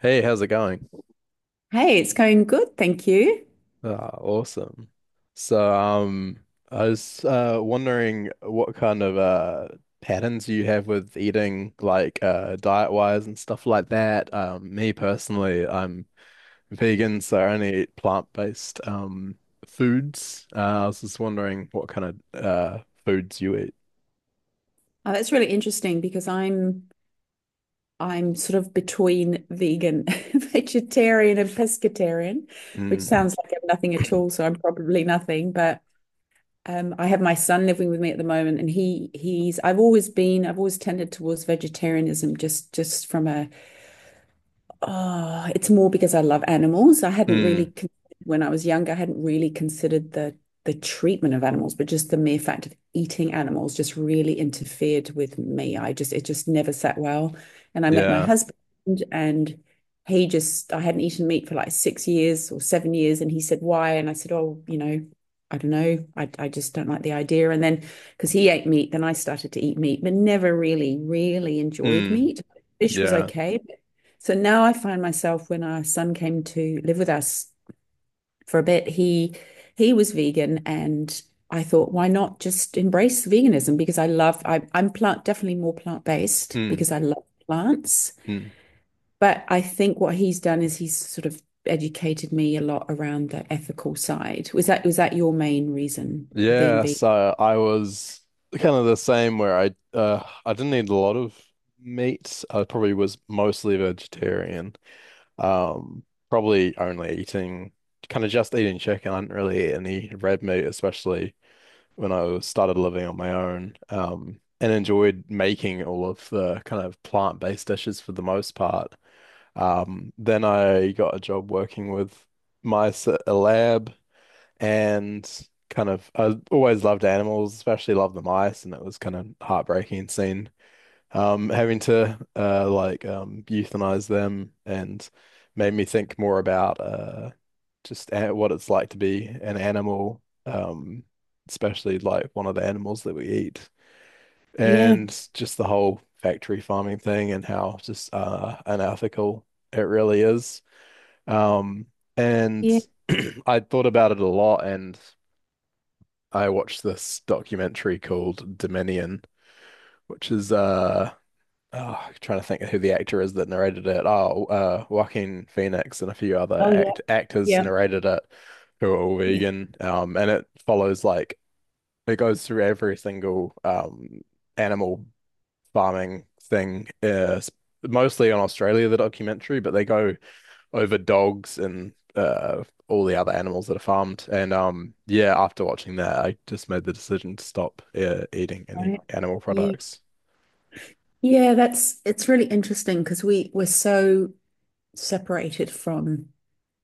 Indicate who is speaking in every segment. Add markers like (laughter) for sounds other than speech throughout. Speaker 1: Hey, how's it going?
Speaker 2: Hey, it's going good, thank you.
Speaker 1: Ah, awesome. So, um, I was wondering what kind of patterns you have with eating, like diet-wise and stuff like that. Me personally, I'm vegan, so I only eat plant-based foods. I was just wondering what kind of foods you eat.
Speaker 2: Oh, that's really interesting because I'm sort of between vegan, (laughs) vegetarian, and pescatarian, which
Speaker 1: Mm.
Speaker 2: sounds like I'm nothing at all. So I'm probably nothing. But I have my son living with me at the moment, and he's I've always been I've always tended towards vegetarianism just from a oh, it's more because I love animals. I hadn't
Speaker 1: Mm.
Speaker 2: really, when I was younger, I hadn't really considered the treatment of animals, but just the mere fact of eating animals just really interfered with me. I just it just never sat well. And I met my
Speaker 1: Yeah.
Speaker 2: husband, and he just I hadn't eaten meat for like 6 years or 7 years, and he said why, and I said, oh, you know. I don't know. I just don't like the idea. And then, because he ate meat, then I started to eat meat, but never really enjoyed
Speaker 1: Mm.
Speaker 2: meat. Fish was
Speaker 1: Yeah.
Speaker 2: okay, so now I find myself when our son came to live with us for a bit, he was vegan and I thought, why not just embrace veganism? Because I love, I, I'm plant definitely more plant-based
Speaker 1: Mm.
Speaker 2: because I love plants.
Speaker 1: Mm.
Speaker 2: But I think what he's done is he's sort of educated me a lot around the ethical side. Was that your main reason for being
Speaker 1: Yeah,
Speaker 2: vegan?
Speaker 1: so I was kind of the same where I didn't eat a lot of meat. I probably was mostly vegetarian. Um, Probably only eating kind of just eating chicken. I didn't really eat any red meat, especially started living on my own. And enjoyed making all of the kind of plant-based dishes for the most part. Then I got a job working with mice at a lab and kind of I always loved animals, especially loved the mice, and it was kind of heartbreaking seeing having to like euthanize them and made me think more about what it's like to be an animal, especially like one of the animals that we eat
Speaker 2: Yeah,
Speaker 1: and just the whole factory farming thing and how just unethical it really is. Um and
Speaker 2: yeah.
Speaker 1: (clears throat) I thought about it a lot and I watched this documentary called Dominion, which is oh, I'm trying to think of who the actor is that narrated it. Oh, Joaquin Phoenix and a few other
Speaker 2: Oh yeah,
Speaker 1: actors
Speaker 2: yeah,
Speaker 1: narrated it who are all
Speaker 2: yeah.
Speaker 1: vegan. And It follows like it goes through every single animal farming thing mostly on Australia the documentary, but they go over dogs and all the other animals that are farmed. And Yeah, after watching that, I just made the decision to stop eating any
Speaker 2: Right.
Speaker 1: animal
Speaker 2: Yeah.
Speaker 1: products.
Speaker 2: Yeah, that's it's really interesting because we're so separated from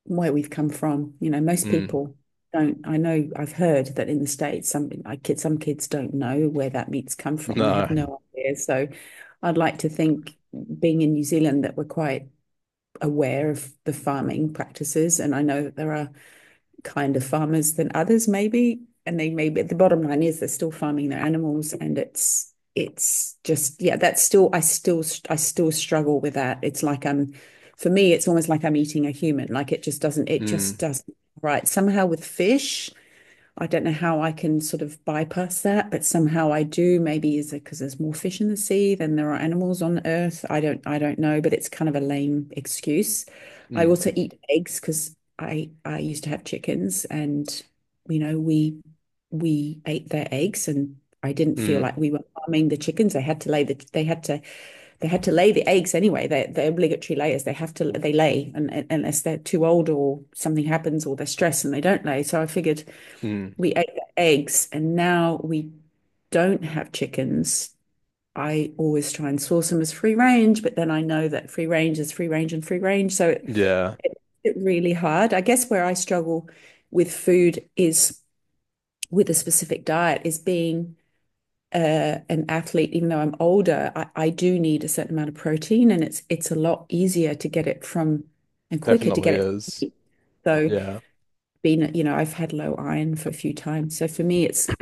Speaker 2: where we've come from. You know, most
Speaker 1: Mm,
Speaker 2: people don't. I know I've heard that in the States, some like kids, some kids don't know where that meat's come from. They have
Speaker 1: no.
Speaker 2: no idea. So I'd like to think, being in New Zealand, that we're quite aware of the farming practices. And I know that there are kind of farmers than others, maybe. And they maybe the bottom line is they're still farming their animals, and it's just yeah, that's still I still struggle with that. It's like I'm for me, it's almost like I'm eating a human. Like it just
Speaker 1: Mm,
Speaker 2: doesn't right. Somehow with fish, I don't know how I can sort of bypass that, but somehow I do. Maybe is it because there's more fish in the sea than there are animals on Earth? I don't know, but it's kind of a lame excuse. I
Speaker 1: mm,
Speaker 2: also eat eggs because I used to have chickens, and you know we ate their eggs, and I didn't feel
Speaker 1: mm,
Speaker 2: like we were harming the chickens. They had to lay the they had to lay the eggs anyway. They're obligatory layers. They have to they lay, and unless they're too old or something happens or they're stressed and they don't lay. So I figured
Speaker 1: mm.
Speaker 2: we ate the eggs and now we don't have chickens. I always try and source them as free range, but then I know that free range is free range and free range. So it,
Speaker 1: Yeah,
Speaker 2: it really hard. I guess where I struggle with food is with a specific diet is being an athlete, even though I'm older, I do need a certain amount of protein and it's a lot easier to get it from and quicker to
Speaker 1: definitely
Speaker 2: get it from
Speaker 1: is.
Speaker 2: meat. So
Speaker 1: Yeah.
Speaker 2: being, you know, I've had low iron for a few times. So for me, it's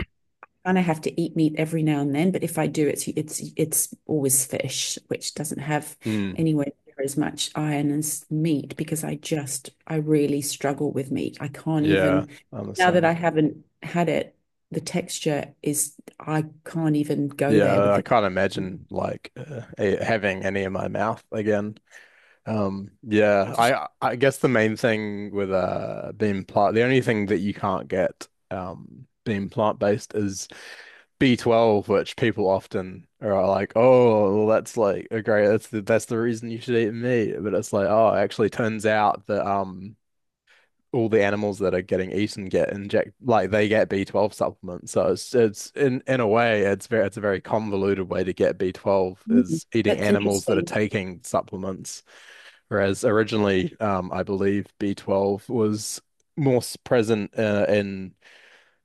Speaker 2: kind of have to eat meat every now and then, but if I do, it's always fish, which doesn't have
Speaker 1: Mm,
Speaker 2: anywhere near as much iron as meat because I just I really struggle with meat. I can't
Speaker 1: yeah,
Speaker 2: even
Speaker 1: I'm the
Speaker 2: now that
Speaker 1: same.
Speaker 2: I haven't had it, the texture is I can't even go there
Speaker 1: Yeah,
Speaker 2: with
Speaker 1: I
Speaker 2: the
Speaker 1: can't imagine like having any in my mouth again. Yeah,
Speaker 2: it just.
Speaker 1: I guess the main thing with the only thing that you can't get being plant based is B12, which people often are like, oh, well, that's like that's the reason you should eat meat. But it's like, oh, it actually turns out that all the animals that are getting eaten get inject like they get B12 supplements. So it's in a way it's very it's a very convoluted way to get B12
Speaker 2: Mm,
Speaker 1: is eating
Speaker 2: that's
Speaker 1: animals that are
Speaker 2: interesting.
Speaker 1: taking supplements. Whereas originally, I believe B12 was more present in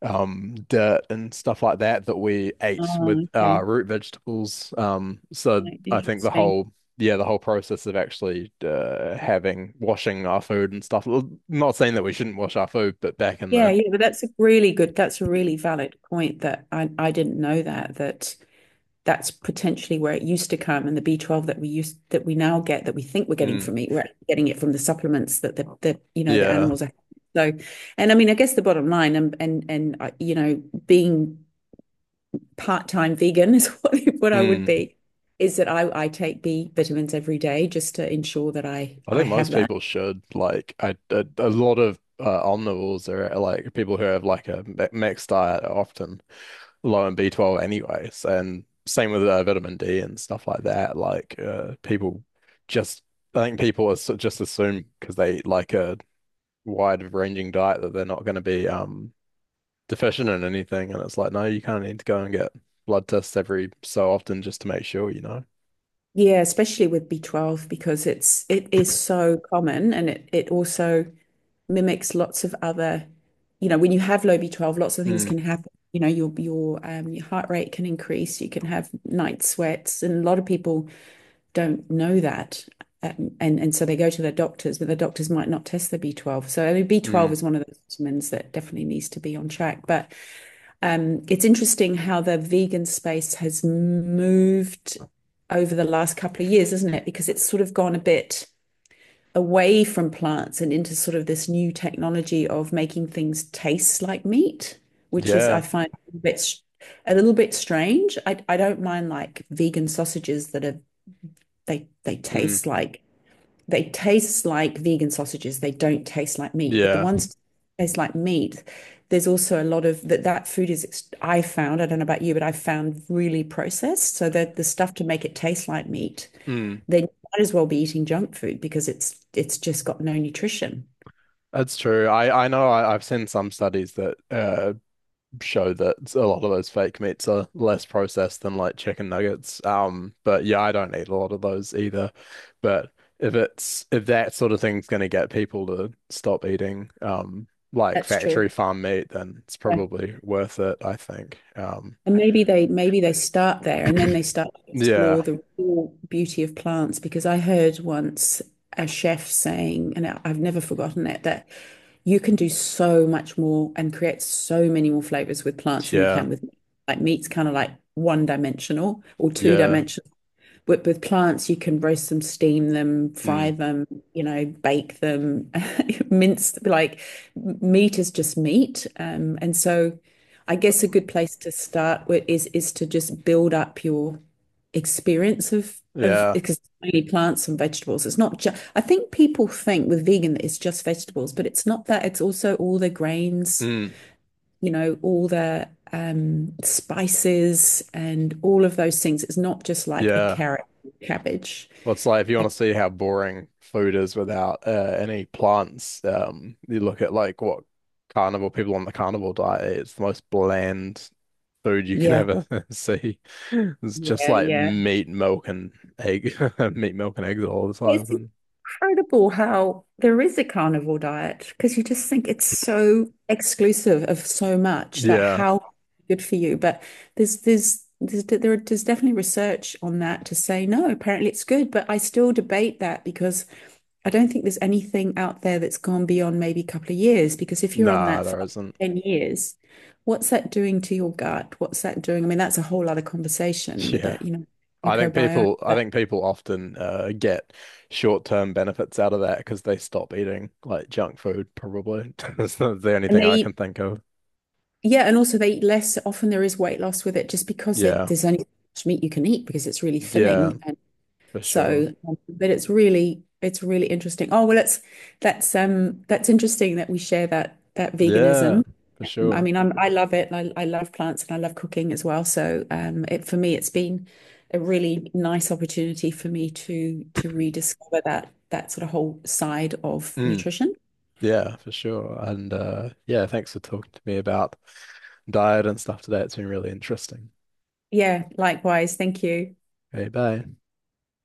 Speaker 1: dirt and stuff like that that we ate with
Speaker 2: Oh, okay.
Speaker 1: root vegetables. So
Speaker 2: Right,
Speaker 1: I think the
Speaker 2: interesting.
Speaker 1: whole yeah the whole process of actually having washing our food and stuff. Well, not saying that we shouldn't wash our food, but back in
Speaker 2: Yeah,
Speaker 1: the
Speaker 2: yeah, but that's a really good, that's a really valid point that I didn't know that, that that's potentially where it used to come and the B12 that we used that we now get that we think we're getting
Speaker 1: Mm.
Speaker 2: from meat we're getting it from the supplements that the you know the
Speaker 1: Yeah,
Speaker 2: animals are so and I mean I guess the bottom line and you know being part-time vegan (laughs) is what I would
Speaker 1: mm,
Speaker 2: be is that I take b vitamins every day just to ensure that i
Speaker 1: I
Speaker 2: i
Speaker 1: think
Speaker 2: have
Speaker 1: most
Speaker 2: that
Speaker 1: people should like I a lot of omnivores are like people who have like mixed diet often low in B12 anyways. And same with vitamin D and stuff like that. Like just, I think just assume because they eat like a wide ranging diet that they're not going to be deficient in anything. And it's like, no, you kind of need to go and get blood tests every so often just to make sure, you know?
Speaker 2: yeah especially with B12 because it's it is so common and it also mimics lots of other, you know, when you have low B12, lots of things
Speaker 1: Mm,
Speaker 2: can happen. You know, your your heart rate can increase. You can have night sweats, and a lot of people don't know that, and so they go to their doctors, but the doctors might not test their B12. So I mean,
Speaker 1: mm,
Speaker 2: B12 is one of those vitamins that definitely needs to be on track. But it's interesting how the vegan space has moved over the last couple of years, isn't it? Because it's sort of gone a bit away from plants and into sort of this new technology of making things taste like meat, which is I
Speaker 1: yeah.
Speaker 2: find a bit s- a little bit strange. I don't mind like vegan sausages that are they they
Speaker 1: Mm,
Speaker 2: taste like they taste like vegan sausages. They don't taste like meat, but the
Speaker 1: yeah.
Speaker 2: ones that taste like meat. There's also a lot of that that food is I found, I don't know about you, but I found really processed. So that the stuff to make it taste like meat
Speaker 1: Mm.
Speaker 2: then you might as well be eating junk food because it's just got no nutrition.
Speaker 1: That's true. I know I've seen some studies that show that a lot of those fake meats are less processed than like chicken nuggets. But yeah, I don't eat a lot of those either. But if that sort of thing's going to get people to stop eating like
Speaker 2: That's true.
Speaker 1: factory farm meat, then it's
Speaker 2: Yeah.
Speaker 1: probably worth it, I think.
Speaker 2: And maybe they start there and then they start to explore
Speaker 1: Yeah,
Speaker 2: the real beauty of plants because I heard once a chef saying, and I've never forgotten it, that you can do so much more and create so many more flavors with plants than you
Speaker 1: yeah,
Speaker 2: can with meat. Like meat's kind of like one dimensional or two
Speaker 1: yeah,
Speaker 2: dimensional. With plants, you can roast them, steam them, fry
Speaker 1: mm,
Speaker 2: them, you know, bake them, (laughs) mince, like meat is just meat. And so I guess a good place to start with is to just build up your experience of
Speaker 1: yeah,
Speaker 2: because it's mainly plants and vegetables. It's not just I think people think with vegan that it's just vegetables, but it's not that. It's also all the grains
Speaker 1: mm,
Speaker 2: you know, all the spices and all of those things. It's not just like a
Speaker 1: yeah.
Speaker 2: carrot, cabbage.
Speaker 1: Well, it's like if you
Speaker 2: And
Speaker 1: want to see how boring food is without any plants, you look at like what carnivore people on the carnivore diet eat. It's the most bland food you can
Speaker 2: yeah,
Speaker 1: ever (laughs) see. It's just
Speaker 2: yeah,
Speaker 1: like
Speaker 2: yeah.
Speaker 1: meat, milk, and egg, (laughs) meat, milk, and eggs all the time.
Speaker 2: It's
Speaker 1: And
Speaker 2: incredible how there is a carnivore diet because you just think it's so exclusive of so much that
Speaker 1: yeah,
Speaker 2: how good for you. But there's definitely research on that to say no, apparently it's good. But I still debate that because I don't think there's anything out there that's gone beyond maybe a couple of years because if you're on
Speaker 1: nah,
Speaker 2: that for
Speaker 1: there
Speaker 2: like
Speaker 1: isn't.
Speaker 2: 10 years, what's that doing to your gut? What's that doing? I mean, that's a whole other
Speaker 1: (laughs)
Speaker 2: conversation with
Speaker 1: Yeah.
Speaker 2: that, you know, microbiome.
Speaker 1: I
Speaker 2: But,
Speaker 1: think people often get short-term benefits out of that because they stop eating like junk food, probably. (laughs) That's the only
Speaker 2: and
Speaker 1: thing
Speaker 2: they
Speaker 1: I can
Speaker 2: eat,
Speaker 1: think of.
Speaker 2: yeah, and also they eat less. Often there is weight loss with it just because
Speaker 1: Yeah.
Speaker 2: there's only so much meat you can eat because it's really
Speaker 1: Yeah,
Speaker 2: filling. And
Speaker 1: for sure.
Speaker 2: so, but it's really interesting. Oh, well, it's, that's interesting that we share that, that
Speaker 1: Yeah,
Speaker 2: veganism.
Speaker 1: for
Speaker 2: I
Speaker 1: sure.
Speaker 2: mean, I'm, I love it. I love plants and I love cooking as well. So, it for me, it's been a really nice opportunity for me to rediscover that that sort of whole side of
Speaker 1: Mm,
Speaker 2: nutrition.
Speaker 1: yeah, for sure. And yeah, thanks for talking to me about diet and stuff today. It's been really interesting.
Speaker 2: Yeah, likewise. Thank you.
Speaker 1: Hey, bye.